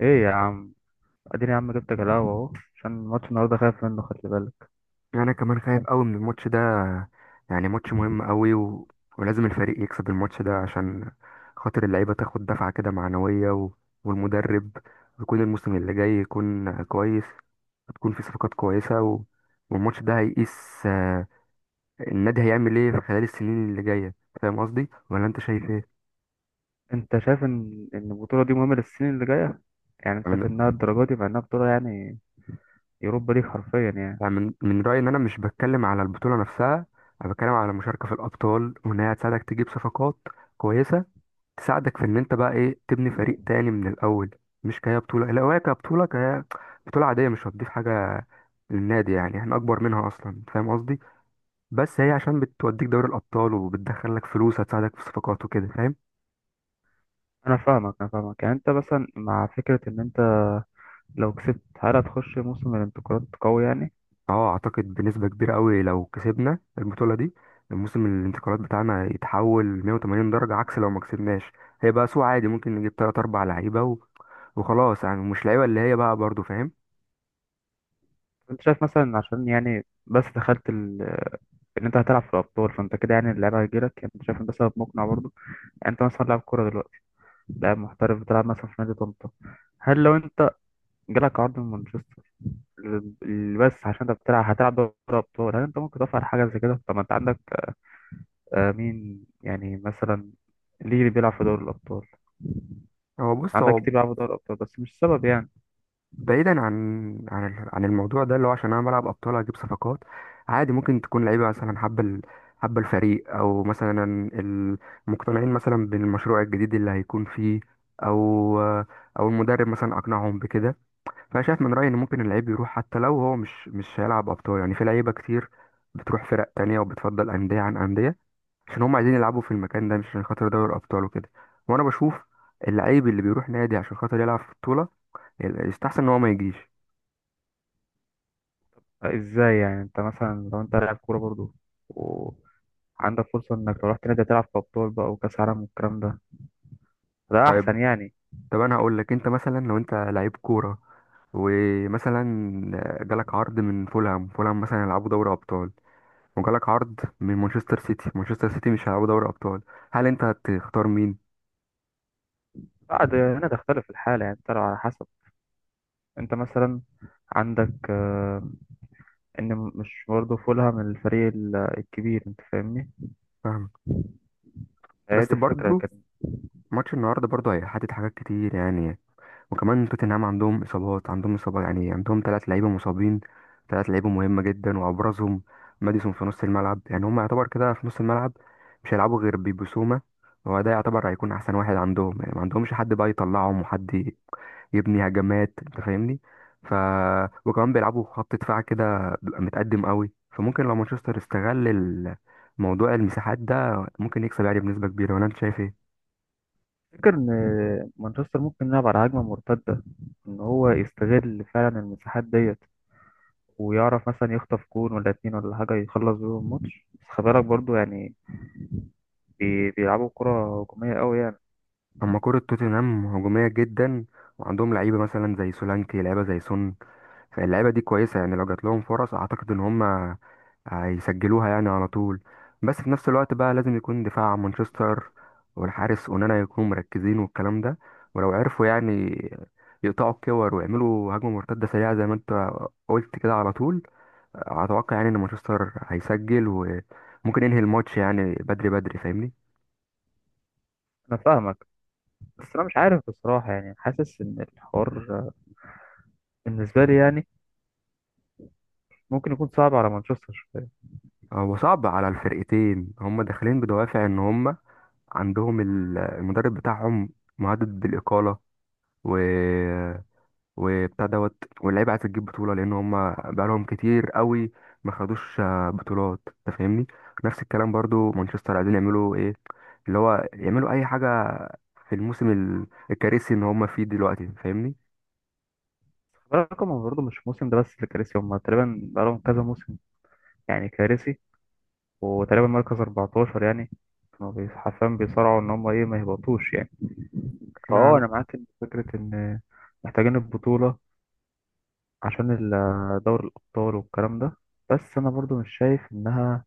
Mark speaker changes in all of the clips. Speaker 1: ايه يا عم؟ اديني يا عم، جبتك القهوة اهو عشان ماتش النهارده، خايف منه، خلي بالك.
Speaker 2: يعني انا كمان خايف قوي من الماتش ده. يعني ماتش مهم قوي. ولازم الفريق يكسب الماتش ده عشان خاطر اللعيبه تاخد دفعه كده معنويه، والمدرب يكون الموسم اللي جاي يكون كويس. هتكون في صفقات كويسه، والماتش ده هيقيس النادي هيعمل ايه في خلال السنين اللي جايه. فاهم قصدي ولا انت شايف ايه؟
Speaker 1: انت شايف ان البطولة دي مهمة للسنين اللي جاية؟ يعني أنت
Speaker 2: أنا
Speaker 1: شايف
Speaker 2: من...
Speaker 1: انها الدرجة دي مع انها بطولة يعني يوروبا ليج حرفيا يعني؟
Speaker 2: أنا من رايي ان انا مش بتكلم على البطوله نفسها. انا بتكلم على المشاركه في الابطال، وان هي هتساعدك تجيب صفقات كويسه، تساعدك في ان انت بقى ايه تبني فريق تاني من الاول. مش كهي بطوله، لو هي كبطوله كهي بطوله عاديه مش هتضيف حاجه للنادي. يعني احنا اكبر منها اصلا، أنت فاهم قصدي. بس هي عشان بتوديك دوري الابطال وبتدخل لك فلوس هتساعدك في الصفقات وكده، فاهم.
Speaker 1: انا فاهمك انا فاهمك، يعني انت مثلا مع فكرة ان انت لو كسبت هل هتخش موسم الانتقالات قوي يعني؟
Speaker 2: اه، اعتقد بنسبه كبيره قوي لو كسبنا البطوله دي الموسم الانتقالات بتاعنا يتحول 180 درجه عكس لو ما كسبناش. هيبقى سوق عادي ممكن نجيب تلات اربع لعيبه، وخلاص، يعني مش لعيبه اللي هي بقى برضو، فاهم.
Speaker 1: انت شايف مثلا عشان يعني بس دخلت ان انت هتلعب في الابطال فانت كده يعني اللعيبه هتجيلك، يعني انت شايف ان ده سبب مقنع برضه؟ يعني انت مثلا لاعب كوره دلوقتي، لاعب محترف بتلعب مثلا في نادي طنطا، هل لو انت جالك عرض من مانشستر، بس عشان انت هتلعب دوري ابطال، هل انت ممكن تفعل حاجه زي كده؟ طب ما انت عندك، مين يعني مثلا؟ ليه اللي بيلعب في دوري الابطال؟
Speaker 2: هو بص،
Speaker 1: عندك
Speaker 2: هو
Speaker 1: كتير بيلعبوا في دوري الابطال بس مش سبب يعني.
Speaker 2: بعيدا عن عن الموضوع ده اللي هو عشان انا بلعب ابطال اجيب صفقات. عادي، ممكن تكون لعيبه مثلا حابه الفريق، او مثلا ال- مقتنعين مثلا بالمشروع الجديد اللي هيكون فيه، او المدرب مثلا اقنعهم بكده. فانا شايف من رايي ان ممكن اللعيب يروح حتى لو هو مش هيلعب ابطال. يعني في لعيبه كتير بتروح فرق تانية وبتفضل انديه عن انديه عشان هم عايزين يلعبوا في المكان ده، مش عشان خاطر دوري ابطال وكده. وانا بشوف اللعيب اللي بيروح نادي عشان خاطر يلعب في بطوله يستحسن ان هو ما يجيش.
Speaker 1: ازاي يعني؟ انت مثلا لو انت لاعب كوره برضو وعندك فرصه انك لو رحت نادي تلعب في ابطال بقى وكاس عالم والكلام ده، ده
Speaker 2: طيب،
Speaker 1: احسن يعني.
Speaker 2: طب انا هقول لك، انت مثلا لو انت لعيب كوره ومثلا جالك عرض من فولهام، فولهام مثلا يلعبوا دوري ابطال، وجالك عرض من مانشستر سيتي، مانشستر سيتي مش هيلعبوا دوري ابطال، هل انت هتختار مين؟
Speaker 1: بعد هنا تختلف الحاله يعني، ترى على حسب. انت مثلا عندك، ان مش برضه فولهام الفريق، الكبير، انت فاهمني؟
Speaker 2: فاهم.
Speaker 1: هي
Speaker 2: بس
Speaker 1: دي الفكره.
Speaker 2: برضو ماتش النهارده برضو هيحدد حاجات كتير يعني. وكمان توتنهام عندهم اصابات، عندهم اصابه، يعني عندهم ثلاث لعيبه مصابين، ثلاث لعيبه مهمه جدا، وابرزهم ماديسون في نص الملعب. يعني هم يعتبر كده في نص الملعب مش هيلعبوا غير بيبسوما. هو ده يعتبر هيكون احسن واحد عندهم، يعني ما عندهمش حد بقى يطلعهم وحد يبني هجمات، انت فاهمني. ف وكمان بيلعبوا خط دفاع كده بيبقى متقدم قوي، فممكن لو مانشستر استغل موضوع المساحات ده ممكن يكسب يعني بنسبه كبيره، ولا انت شايف ايه؟
Speaker 1: تفتكر إن مانشستر ممكن يلعب على هجمة مرتدة، إن هو يستغل فعلا المساحات ديت ويعرف مثلا يخطف جون ولا اتنين ولا حاجة يخلص بيهم الماتش؟ بس خلي بالك برضه يعني بيلعبوا كرة هجومية قوي يعني.
Speaker 2: اما كرة توتنهام هجومية جدا، وعندهم لعيبة مثلا زي سولانكي، لعيبة زي سون. فاللعيبة دي كويسة، يعني لو جات لهم فرص اعتقد ان هم هيسجلوها يعني على طول. بس في نفس الوقت بقى لازم يكون دفاع مانشستر والحارس اونانا يكونوا مركزين والكلام ده. ولو عرفوا يعني يقطعوا الكور ويعملوا هجمة مرتدة سريعة زي ما انت قلت كده على طول، اتوقع يعني ان مانشستر هيسجل وممكن ينهي الماتش يعني بدري بدري، فاهمني.
Speaker 1: أنا فاهمك بس أنا مش عارف بصراحة، يعني حاسس إن الحوار بالنسبة لي يعني ممكن يكون صعب على مانشستر شوية.
Speaker 2: هو صعب على الفرقتين، هم داخلين بدوافع ان هم عندهم المدرب بتاعهم مهدد بالإقالة، و وبتاع دوت، واللعيبة عايزة تجيب بطولة لأن هم بقالهم كتير قوي ما خدوش بطولات، أنت فاهمني. نفس الكلام برضو مانشستر عايزين يعملوا إيه، اللي هو يعملوا أي حاجة في الموسم الكارثي إن هم فيه دلوقتي، فاهمني.
Speaker 1: خلي بالك هما برضه مش الموسم ده بس اللي كارثي، هما تقريبا بقالهم كذا موسم يعني كارثي، وتقريبا مركز 14 يعني، كانوا حرفيا بيصارعوا إن هما إيه ما يهبطوش يعني. اه،
Speaker 2: أنا
Speaker 1: انا معاك ان فكره ان محتاجين البطوله عشان دوري الابطال والكلام ده، بس انا برضو مش شايف انها،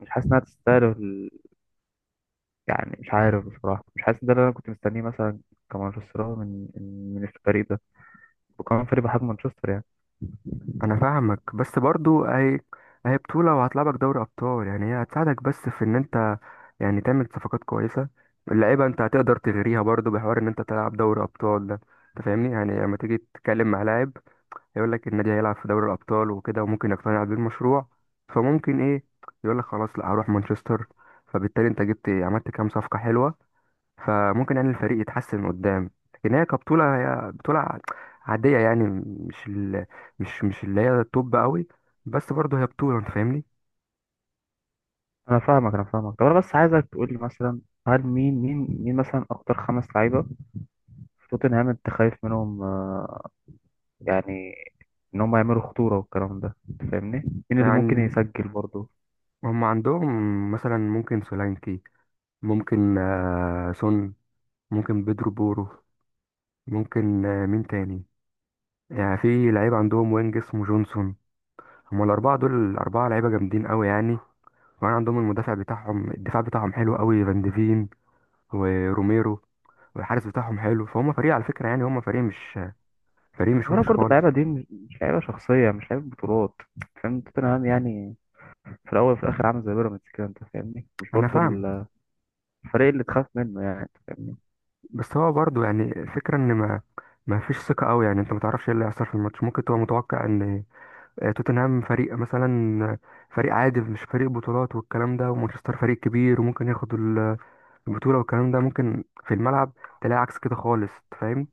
Speaker 1: مش حاسس انها تستاهل يعني مش عارف بصراحه، مش حاسس ده اللي انا كنت مستنيه مثلا كمانشستراوي، من الفريق ده، وكمان فريق بحجم مانشستر يعني.
Speaker 2: انا فاهمك. بس برضو اهي، اهي بطولة وهتلعبك دوري ابطال، يعني هي هتساعدك بس في ان انت يعني تعمل صفقات كويسة. اللعيبة انت هتقدر تغريها برضو بحوار ان انت تلعب دوري ابطال ده، انت فاهمني. يعني لما تيجي تتكلم مع لاعب هيقول لك النادي هيلعب في دوري الابطال وكده، وممكن يقتنع بالمشروع. فممكن ايه يقول لك خلاص لا، هروح مانشستر. فبالتالي انت جبت عملت كام صفقة حلوة، فممكن يعني الفريق يتحسن قدام. لكن هي كبطولة، هي بطولة عادية، يعني مش اللي هي توب قوي، بس برضه هي بطولة، انت فاهمني.
Speaker 1: انا فاهمك انا فاهمك، طب انا بس عايزك تقول لي مثلا، هل مين مثلا اكتر خمس لعيبه في توتنهام انت خايف منهم، يعني ان هم يعملوا خطوره والكلام ده، أنت فاهمني؟ مين اللي ممكن
Speaker 2: يعني
Speaker 1: يسجل برضو؟
Speaker 2: هم عندهم مثلا ممكن سولانكي، ممكن سون، ممكن بيدرو بورو، ممكن مين تاني، يعني في لعيب عندهم وينج اسمه جونسون. هم الأربعة دول، الأربعة لعيبة جامدين قوي يعني. وكمان عندهم المدافع بتاعهم، الدفاع بتاعهم حلو قوي، فان ديفين وروميرو، والحارس بتاعهم حلو. فهم فريق على فكرة، يعني هم فريق مش
Speaker 1: خلي بالك
Speaker 2: وحش
Speaker 1: برضه
Speaker 2: خالص.
Speaker 1: اللعيبة دي مش لعيبة شخصية، مش لعيبة بطولات، فاهم؟ توتنهام يعني في الأول وفي الآخر عامل زي بيراميدز كده، أنت فاهمني؟ مش
Speaker 2: انا
Speaker 1: برضه
Speaker 2: فاهم.
Speaker 1: الفريق اللي تخاف منه يعني، أنت فاهمني؟
Speaker 2: بس هو برضو يعني الفكرة ان ما فيش ثقة قوي، يعني انت ما تعرفش ايه اللي هيحصل في الماتش. ممكن تبقى متوقع ان توتنهام فريق مثلا، آه، فريق عادي مش فريق بطولات والكلام ده، ومانشستر فريق كبير وممكن ياخد البطولة والكلام ده، ممكن في الملعب تلاقي عكس كده خالص، أنت فاهم.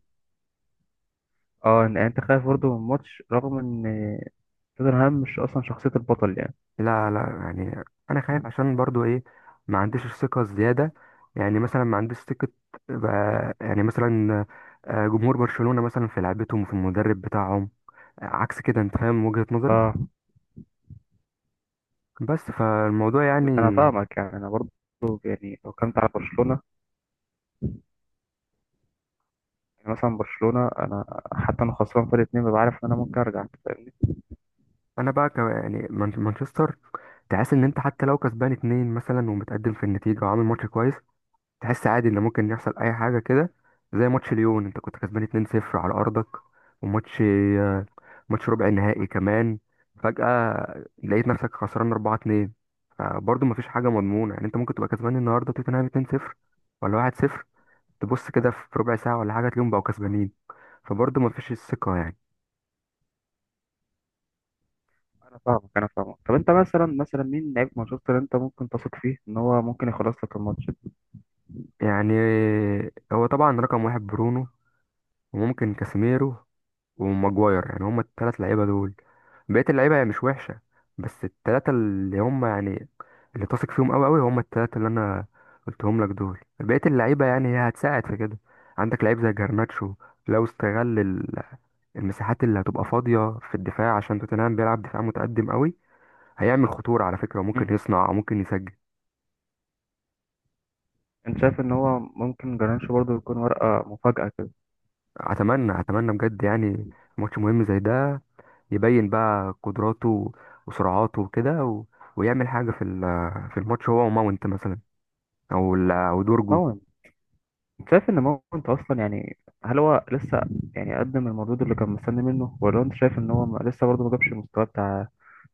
Speaker 1: اه يعني أنت خايف برضه من ماتش رغم إن توتنهام مش أصلا شخصية البطل يعني.
Speaker 2: لا لا، يعني انا خايف عشان برضو ايه، ما عنديش الثقه الزياده. يعني مثلا ما عنديش ثقه يعني مثلا جمهور برشلونه مثلا في لعبتهم وفي المدرب بتاعهم عكس كده، انت فاهم وجهه نظري.
Speaker 1: اه،
Speaker 2: بس فالموضوع
Speaker 1: أنا
Speaker 2: يعني،
Speaker 1: فاهمك يعني أنا برضه، يعني لو كنت على برشلونة، يعني مثلا برشلونة أنا، حتى أنا خسران فرق اتنين ببقى عارف إن أنا ممكن أرجع، أنت فاهمني؟
Speaker 2: انا بقى يعني مانشستر، تحس ان انت حتى لو كسبان اتنين مثلا ومتقدم في النتيجه وعامل ماتش كويس، تحس عادي ان ممكن يحصل اي حاجه كده. زي ماتش ليون، انت كنت كسبان 2-0 على ارضك وماتش ماتش ربع نهائي كمان، فجاه لقيت نفسك خسران 4-2. فبرضه مفيش حاجه مضمونه، يعني انت ممكن تبقى كسبان النهارده توتنهام 2-0 ولا 1-0، تبص كده في ربع ساعه ولا حاجه تلاقيهم بقوا كسبانين. فبرضه مفيش الثقه يعني.
Speaker 1: أنا فاهمك أنا فاهمك، طب أنت مثلا، مثلا مين لعيب مانشستر أنت ممكن تثق فيه إن هو ممكن يخلص لك الماتش؟
Speaker 2: يعني هو طبعا رقم واحد برونو، وممكن كاسيميرو وماجواير، يعني هما التلات لعيبة دول. بقية اللعيبة هي مش وحشة، بس التلاتة اللي هما يعني اللي تثق فيهم أوي أوي هما التلاتة اللي أنا قلتهم لك دول. بقية اللعيبة يعني هي هتساعد في كده. عندك لعيب زي جرناتشو، لو استغل المساحات اللي هتبقى فاضية في الدفاع عشان توتنهام بيلعب دفاع متقدم أوي، هيعمل خطورة على فكرة، وممكن يصنع وممكن يسجل.
Speaker 1: انت شايف ان هو ممكن جرانش برضه يكون ورقة مفاجأة كده؟
Speaker 2: أتمنى أتمنى بجد، يعني ماتش مهم زي ده يبين بقى قدراته وسرعاته وكده، ويعمل حاجة في في الماتش، هو وماونت مثلا، أو أو دورجو.
Speaker 1: مون، انت شايف ان مون انت اصلا يعني، هل هو لسه يعني قدم المردود اللي كان مستني منه، ولا انت شايف ان هو لسه برضه ما جابش المستوى بتاع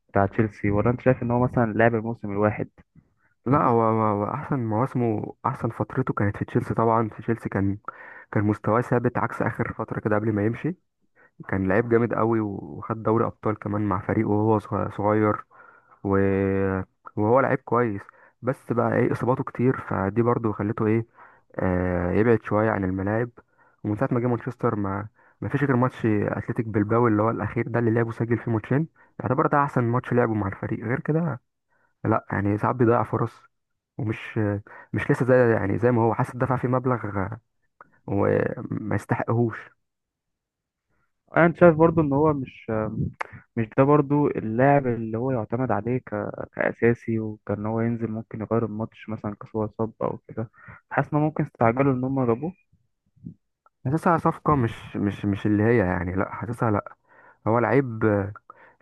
Speaker 1: تشيلسي، ولا انت شايف ان هو مثلا لعب الموسم الواحد؟
Speaker 2: لا، هو هو أحسن مواسمه، أحسن فترته كانت في تشيلسي. طبعا في تشيلسي كان، كان مستواه ثابت عكس آخر فترة كده قبل ما يمشي. كان لعيب جامد قوي وخد دوري أبطال كمان مع فريقه وهو صغير و... وهو لعيب كويس. بس بقى ايه، اصاباته كتير فدي برضو خلته ايه يبعد شوية عن الملاعب. ومن ساعة ما جه مانشستر ما فيش غير ماتش أتلتيك بلباو اللي هو الأخير ده اللي لعبه، سجل فيه ماتشين. يعتبر ده أحسن ماتش لعبه مع الفريق، غير كده لأ. يعني ساعات بيضيع فرص، ومش مش لسه زي يعني زي ما هو حاسس، دفع فيه مبلغ وما يستحقهوش.
Speaker 1: انا، انت شايف برضه ان هو مش ده برضه اللاعب اللي هو يعتمد عليه كأساسي، وكان هو ينزل ممكن يغير الماتش مثلا كسوة اتصاب او كده؟ حاسس ان هم ممكن استعجلوا ان هم جابوه؟
Speaker 2: حاسسها صفقة مش اللي هي يعني، لأ حاسسها لأ. هو لعيب،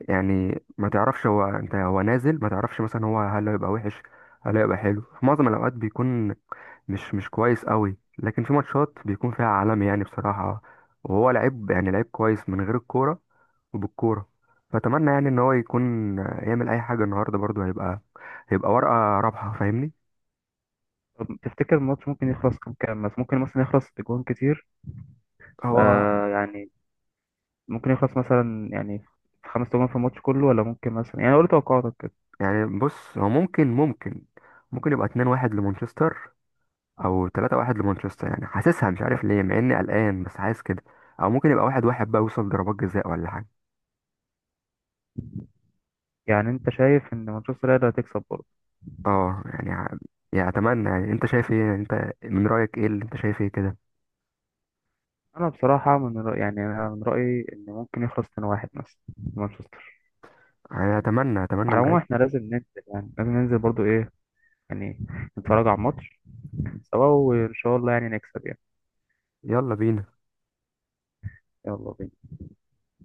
Speaker 2: يعني ما تعرفش هو، انت هو نازل ما تعرفش مثلا هو، هل هيبقى وحش هل هيبقى حلو. في معظم الاوقات بيكون مش كويس قوي، لكن في ماتشات بيكون فيها عالمي يعني بصراحة. وهو لعيب، يعني لعيب كويس من غير الكورة وبالكورة. فأتمنى يعني إن هو يكون يعمل أي حاجة النهاردة، برضه هيبقى ورقة رابحة، فاهمني.
Speaker 1: طب تفتكر الماتش ممكن يخلص كام كام؟ بس ممكن مثلا يخلص اجوان كتير،
Speaker 2: هو
Speaker 1: آه يعني، ممكن يخلص مثلا يعني في خمس تجوان في الماتش كله، ولا ممكن مثلا، يعني قول توقعاتك كده.
Speaker 2: يعني بص، هو ممكن يبقى 2-1 لمانشستر او 3-1 لمانشستر، يعني حاسسها مش عارف ليه، مع اني قلقان بس حاسس كده. او ممكن يبقى 1-1 بقى يوصل ضربات جزاء ولا حاجة.
Speaker 1: يعني انت شايف ان مانشستر هي اللي هتكسب برضه؟
Speaker 2: اه، يعني يعني اتمنى، يعني انت شايف ايه، انت من رأيك ايه، اللي انت شايف ايه كده.
Speaker 1: انا بصراحه من رأيي، يعني انا من رايي ان ممكن يخلص 2-1 مثلا، مانشستر.
Speaker 2: يعني اتمنى اتمنى
Speaker 1: على العموم
Speaker 2: بجد.
Speaker 1: احنا لازم ننزل يعني، لازم ننزل برضه ايه يعني، نتفرج على الماتش سوا، وان شاء الله يعني نكسب يعني.
Speaker 2: يلا بينا.
Speaker 1: يلا بينا.